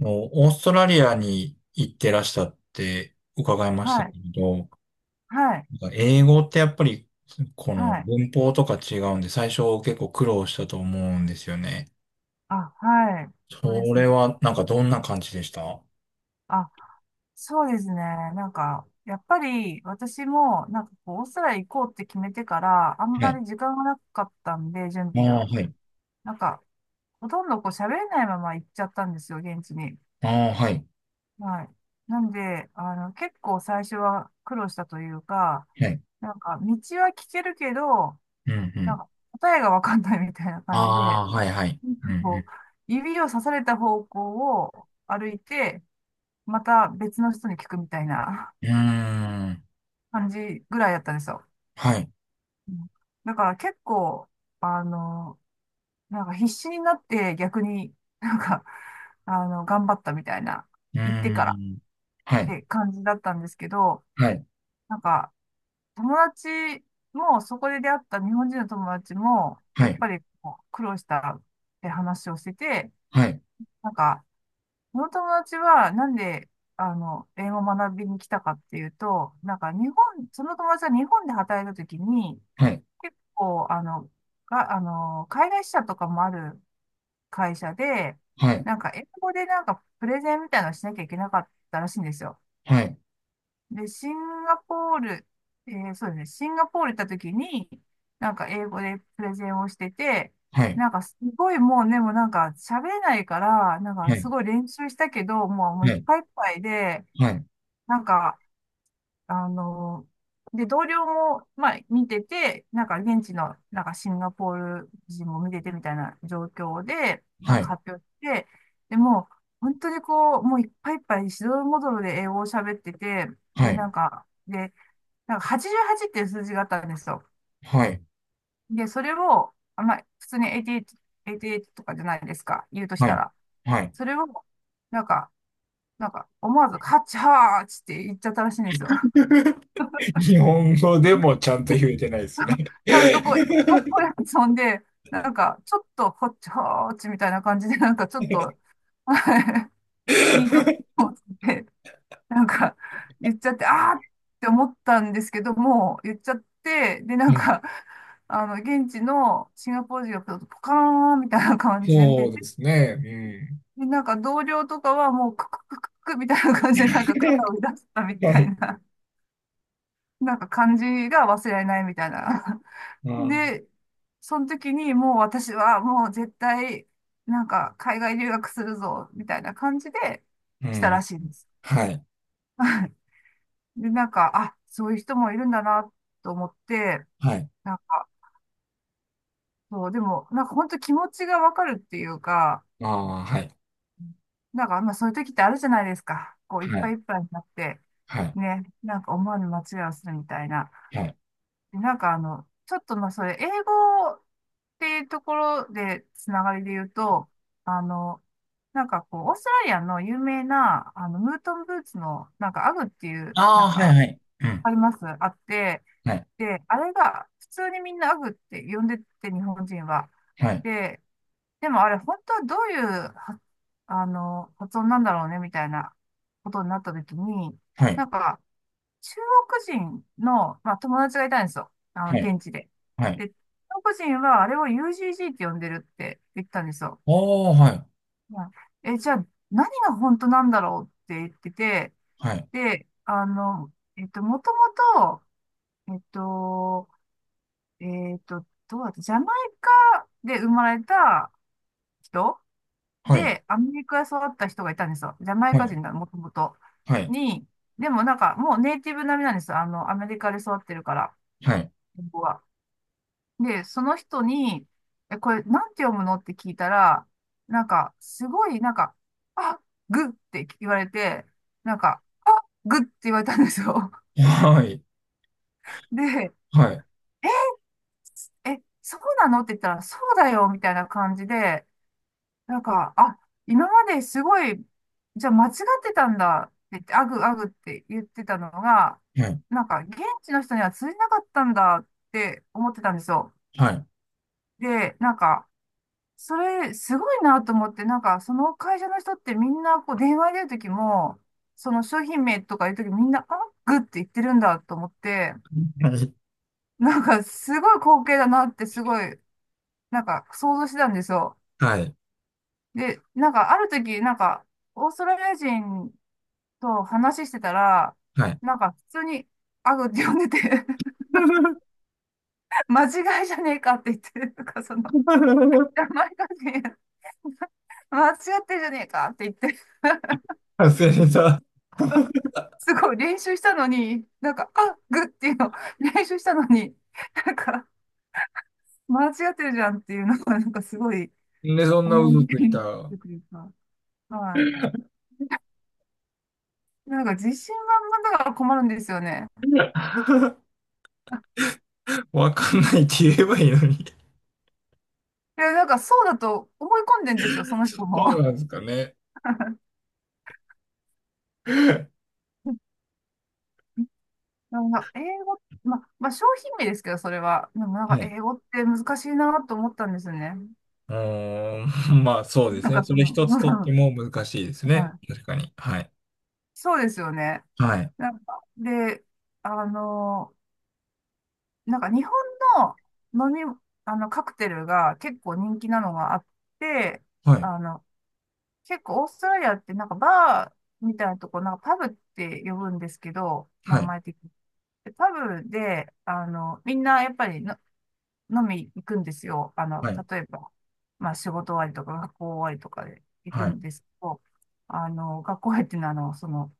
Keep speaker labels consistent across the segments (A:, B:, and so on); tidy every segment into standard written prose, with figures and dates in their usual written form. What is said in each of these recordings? A: のオーストラリアに行ってらしたって伺いました
B: は
A: け
B: い、
A: ど、
B: はい、
A: 英語ってやっぱりこの
B: はい。
A: 文法とか違うんで、最初結構苦労したと思うんですよね。
B: あ、はい。そうで
A: そ
B: す
A: れ
B: ね。
A: はなんかどんな感じでした？は
B: あ、そうですね。なんか、やっぱり私も、なんかこう、オーストラリア行こうって決めてから、あんま
A: い。
B: り時間がなかったんで、準
A: あ
B: 備
A: あ、
B: が。
A: はい。
B: なんか、ほとんどこう、喋れないまま行っちゃったんですよ、現地に。
A: ああ、はい。
B: はい。なんで、結構最初は苦労したというか、
A: はい。
B: なんか、道は聞けるけど、
A: うんう
B: なん
A: ん。
B: か、答えがわかんないみたいな感じで、
A: ああ、
B: な
A: はいはい。
B: んか
A: うん
B: こう、指を刺された方向を歩いて、また別の人に聞くみたいな
A: うん。うん。
B: 感じぐらいだったんですよ。
A: はい。
B: うん。だから結構、あの、なんか必死になって逆になんか、頑張ったみたいな、
A: う
B: 言ってからっ
A: ん。
B: て感じだったんですけど、なんか友達もそこで出会った日本人の友達も、やっぱりこう苦労したって話をしてて、
A: はい。
B: なんか、その友達は、なんで、英語を学びに来たかっていうと、なんか日本、その友達は日本で働いたときに、
A: はい。
B: 結構、が、海外支社とかもある会社で、
A: はい。
B: なんか英語でなんかプレゼンみたいなのをしなきゃいけなかったらしいんですよ。
A: はい。
B: で、シンガポール、そうですね、シンガポール行った時に、なんか英語でプレゼンをしてて、なんかすごいもうね、もうなんか喋れないから、なんか
A: はい。
B: すごい練習したけど、もう、もうい
A: は
B: っ
A: い。
B: ぱいいっぱいで、
A: はい。
B: なんか、あの、で、同僚も、まあ、見てて、なんか現地の、なんかシンガポール人も見ててみたいな状況で、な
A: は
B: ん
A: い。
B: か発表して、でもう、本当にこう、もういっぱいいっぱい、しどろもどろで英語を喋ってて、
A: はい。
B: で、
A: はい。はい。
B: なんか、で、なんか88っていう数字があったんですよ。
A: はい。
B: で、それを、普通に88、88とかじゃないですか、言うとし
A: は
B: た
A: い。
B: ら。
A: はい。
B: それを、なんか、なんか、思わず、ハッチハーチって言っちゃったらしいんですよ。
A: 日本語でもちゃんと言えてないです ね。
B: ちゃんとこう、英語っぽい
A: は
B: 発音で、なんか、ちょっと、ホッチハーチみたいな感じで、なんか、ちょっと、いいいと思ってなんか、言っちゃって、あーって思ったんですけども、言っちゃって、で、なん
A: い。
B: か、現地のシンガポール人がポカーンみたいな感じで見
A: そ
B: て
A: う
B: て、
A: ですね。
B: で、なんか同僚とかはもうクククククみたいな感じで、なんか肩を出した
A: う
B: み
A: ん。は
B: た
A: い。
B: いな、なんか感じが忘れられないみたいな。
A: あー、
B: で、その時にもう私はもう絶対、なんか海外留学するぞ、みたいな感じで
A: う
B: 来たら
A: ん。
B: しいです。
A: はい。
B: で、なんか、あ、そういう人もいるんだなと思って、
A: はい。
B: なんか、そう、でも、なんか本当気持ちがわかるっていうか、
A: ああ、はい。
B: なんか、まあそういう時ってあるじゃないですか。こう、いっ
A: は
B: ぱ
A: い。
B: いいっぱいになって、
A: はい。
B: ね、なんか思わぬ間違いをするみたいな。
A: はい。
B: で、なんかあの、ちょっとまあそれ、英語っていうところで、つながりで言うと、あの、なんかこう、オーストラリアの有名な、ムートンブーツの、なんか、アグっていう、な
A: あ
B: ん
A: あ、はい、
B: か、
A: はい。うん。
B: ありますあって、
A: はい。
B: で、あれが、普通にみんなアグって呼んでて、日本人は。
A: はい。
B: で、でもあれ、本当はどういうは、発音なんだろうね、みたいなことになった時に、
A: はい。
B: なんか、中国人の、まあ、友達がいたんですよ。
A: はい。
B: 現地で。
A: はい。
B: で、中国人はあれを UGG って呼んでるって言ったんですよ。
A: おー、はい。
B: うん。え、じゃあ、何が本当なんだろうって言ってて、
A: はい。
B: で、もともと、どうだったジャマイカで生まれた人
A: はい。
B: で、アメリカで育った人がいたんですよ。ジャマイ
A: は
B: カ
A: い。
B: 人がもともと。
A: はい。
B: に、でもなんかもうネイティブ並みなんですよ。アメリカで育ってるから、
A: は
B: 英は。で、その人に、え、これなんて読むのって聞いたら、なんか、すごい、なんか、あ、グって言われて、なんか、あ、グって言われたんですよ。
A: い。
B: で、
A: はい。
B: え、そうなのって言ったら、そうだよ、みたいな感じで、なんか、あ、今まですごい、じゃあ間違ってたんだって言って、アグアグって言ってたのが、なんか現地の人には通じなかったんだって思ってたんですよ。
A: はい。
B: で、なんか、それすごいなと思って、なんかその会社の人ってみんなこう電話でるときも、その商品名とか言うときみんなアグって言ってるんだと思って、
A: はい。は
B: なんかすごい光景だなってすごい、なんか想像してたんですよ。
A: い。
B: で、なんかある時、なんか、オーストラリア人そう、話してたら、
A: はい。はい。は
B: なんか普通に、アグって呼んでて 間違いじゃねえかって言って、なんかその、
A: い。
B: 前がね間違ってんじゃねえかって言って、
A: 外れた。
B: すごい練習したのに、なんか、あ、グっていうの、練習したのに、なんか、間違ってるじゃんっていうのが、なんかすごい
A: なんでそんな
B: 思
A: 嘘
B: い出
A: つい
B: にな
A: た。
B: ると いうか、はい。なんか自信満々だから困るんですよね。
A: わかんないって言えばいいのに。
B: いや、なんかそうだと思い込んでんですよ、その
A: そ
B: 人
A: う
B: も。
A: なんですかね。は
B: なんか英語、まあ、商品名ですけど、それは。でもなんか
A: い。
B: 英語って難しいなと思ったんですよね。
A: うーん、まあそうで
B: な
A: す
B: ん
A: ね。
B: か
A: そ
B: そ
A: れ
B: の、
A: 一つとっ
B: う
A: て
B: ん。
A: も難しいです
B: は
A: ね。
B: い。
A: 確かに。はい。
B: そうですよね。
A: はい。
B: なんか、で、あの、なんか日本の飲み、カクテルが結構人気なのがあって、
A: はい。
B: あの、結構オーストラリアってなんかバーみたいなとこ、なんかパブって呼ぶんですけど、名
A: はい。
B: 前的に。でパブで、みんなやっぱりの飲み行くんですよ。
A: はい。
B: 例えば、まあ仕事終わりとか学校終わりとかで行く
A: はい。
B: んですけど、学校終わりっていうのは、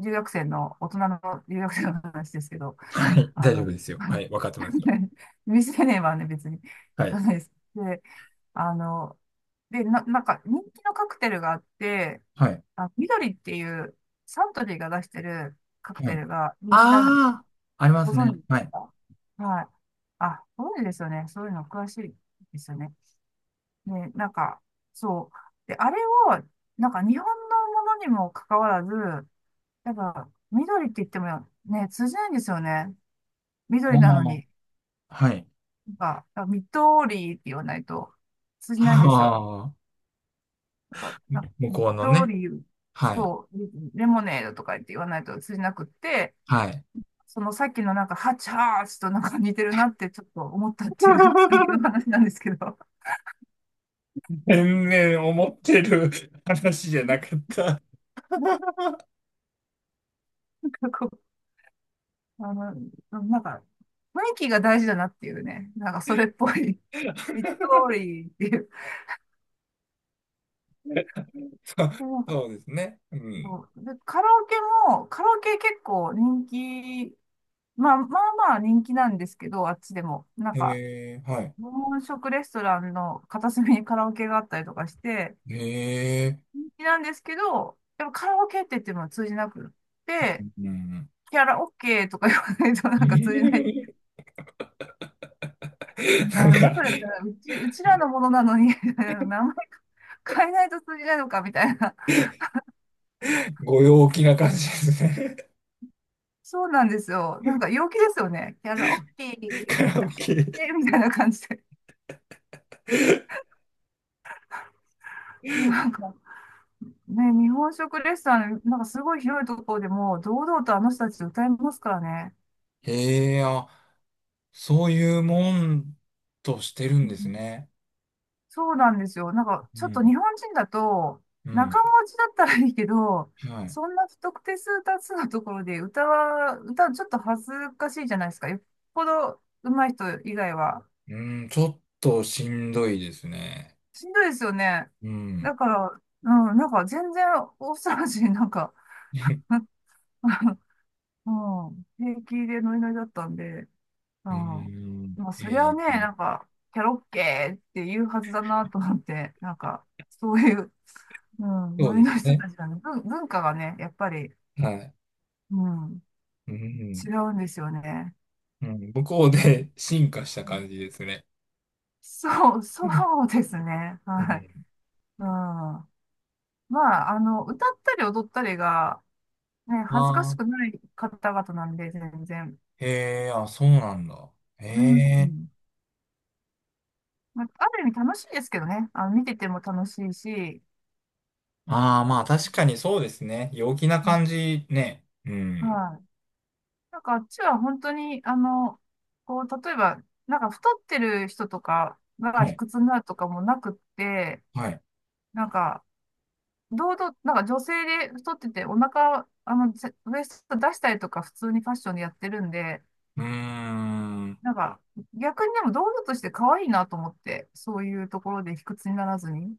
B: 留学生の、大人の留学生の話ですけど、
A: はい、
B: あ
A: 大丈
B: の、
A: 夫ですよ。はい。わかってますよ。
B: 未成年はね、別に
A: は
B: 行か
A: い。
B: ないです。で、あの、で、なんか人気のカクテルがあって、
A: はい。
B: あ、緑っていうサントリーが出してるカ
A: は
B: クテ
A: い。
B: ルが人気なん。
A: ああ、ありま
B: ご
A: す
B: 存知
A: ね。
B: です
A: はい。
B: か？はい。あ、ご存知ですよね。そういうの詳しいですよね。ね、なんか、そう。で、あれを、なんか日本のものにもかかわらず、やっぱ、緑って言ってもね、通じないんですよね。
A: あ
B: 緑なの
A: あ、
B: に。
A: はい。
B: なんか、緑って言わないと通じないんですよ。
A: ああ、
B: なんか、なんか
A: 向こうのね。
B: 緑、
A: はい。
B: レモネードとか言って言わないと通じなくって、
A: はい。
B: そのさっきのなんか、ハチハーチとなんか似てるなってちょっと思ったっていうだけの 話なんですけど。
A: 全然思ってる 話じゃなかった。
B: なんかこう、なんか、雰囲気が大事だなっていうね。なんかそれっぽい。ミッド通りっていう。
A: そう、
B: でなんか
A: そうですね。うん。
B: こうでカラオケも、カラオケ結構人気、まあまあまあ人気なんですけど、あっちでも。なんか、
A: えー、はい。
B: 日本食レストランの片隅にカラオケがあったりとかして、
A: え
B: 人気なんですけど、でもカラオケって言っても通じなくっ
A: ー、
B: て、
A: うん。
B: キャラオケとか言わないとな
A: え
B: んか通じない
A: ー、なん
B: 何や
A: か、
B: それみたいな。うちらのものなのに 名前変えないと通じないのかみたいな。
A: ご陽気な感じですね。
B: そうなんですよ。なんか陽気ですよね。キャラ、オッケー み
A: カ
B: たい
A: ラオ
B: な。
A: ケ。
B: えーみたいな感じで。なんか、ね、日本食レストラン、なんかすごい広いところでも、堂々とあの人たち歌いますからね。
A: えー、あ、そういうもんとしてる
B: う
A: ん
B: ん。
A: ですね。
B: そうなんですよ。なんか、
A: う
B: ちょっと
A: ん。
B: 日本人だと、
A: うん。
B: 仲持ちだったらいいけど、
A: はい。
B: そんな不特定数多数のところで歌は、歌ちょっと恥ずかしいじゃないですか。よっぽど上手い人以外は。
A: うん、ちょっとしんどいですね。
B: しんどいですよね。
A: うん。
B: だから、うん、なんか全然大騒ぎ、オーストラリア人なんか、うん、平気でノリノリだったんで。
A: う
B: ああ。
A: ん。
B: まあ、そりゃ
A: え
B: ね、
A: ー、
B: なんか、キャロッケーって言うはずだなと思って、なんか、そういう、うん、
A: そ
B: ノ
A: う
B: リ
A: です
B: の人
A: ね。
B: たちはね、文化がね、やっぱり、
A: はい。
B: うん、
A: う
B: 違
A: ん。
B: うんですよね。
A: うん、向こうで 進化した
B: う
A: 感
B: ん。
A: じですね。
B: そ
A: う
B: うですね。はい。
A: ん。
B: うん。まあ、歌ったり踊ったりが、ね、恥ずかし
A: あ
B: く
A: あ、
B: ない方々なんで、全然。
A: へえ、あ、そうなんだ。へ
B: う
A: え。
B: ん。まあ、ある意味楽しいですけどね。見てても楽しいし、
A: ああ、まあ確かにそうですね。陽気な
B: うん。
A: 感じね。うん。
B: はい。なんかあっちは本当に、こう、例えば、なんか太ってる人とか
A: は
B: が卑
A: い。
B: 屈になるとかもなくって、
A: はい。
B: なんか、堂々、なんか女性で太っててお腹、ぜウエスト出したりとか普通にファッションでやってるんで、
A: うーん。
B: なんか、逆にでも堂々として可愛いなと思って、そういうところで卑屈にならずに。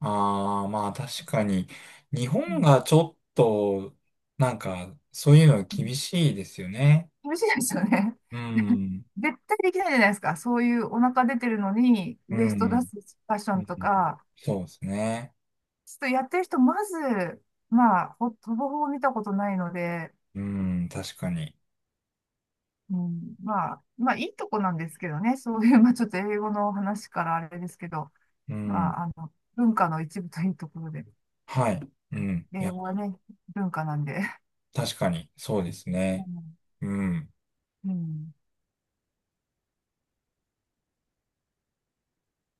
A: ああ、まあ確かに。日
B: う
A: 本が
B: ん。
A: ちょっと、なんか、そういうの
B: う
A: 厳
B: ん。
A: しいですよね。
B: 厳しいですよね。
A: う ん。
B: 絶対できないじゃないですか。そういうお腹出てるのに、
A: う
B: ウエスト出
A: ん。
B: すファッショ
A: う
B: ン
A: ん。
B: とか、
A: そうですね。
B: ちょっとやってる人、まず、まあ、ほぼほぼ見たことないので、
A: うん、確かに。
B: うん、まあ、まあ、いいとこなんですけどね、そういう、まあ、ちょっと英語の話からあれですけど、
A: うん。
B: まあ、文化の一部というところで、
A: はい。うん。い
B: 英
A: や、
B: 語はね、文化なんで、
A: 確かに、そうです
B: う
A: ね。
B: ん、
A: うん。
B: うん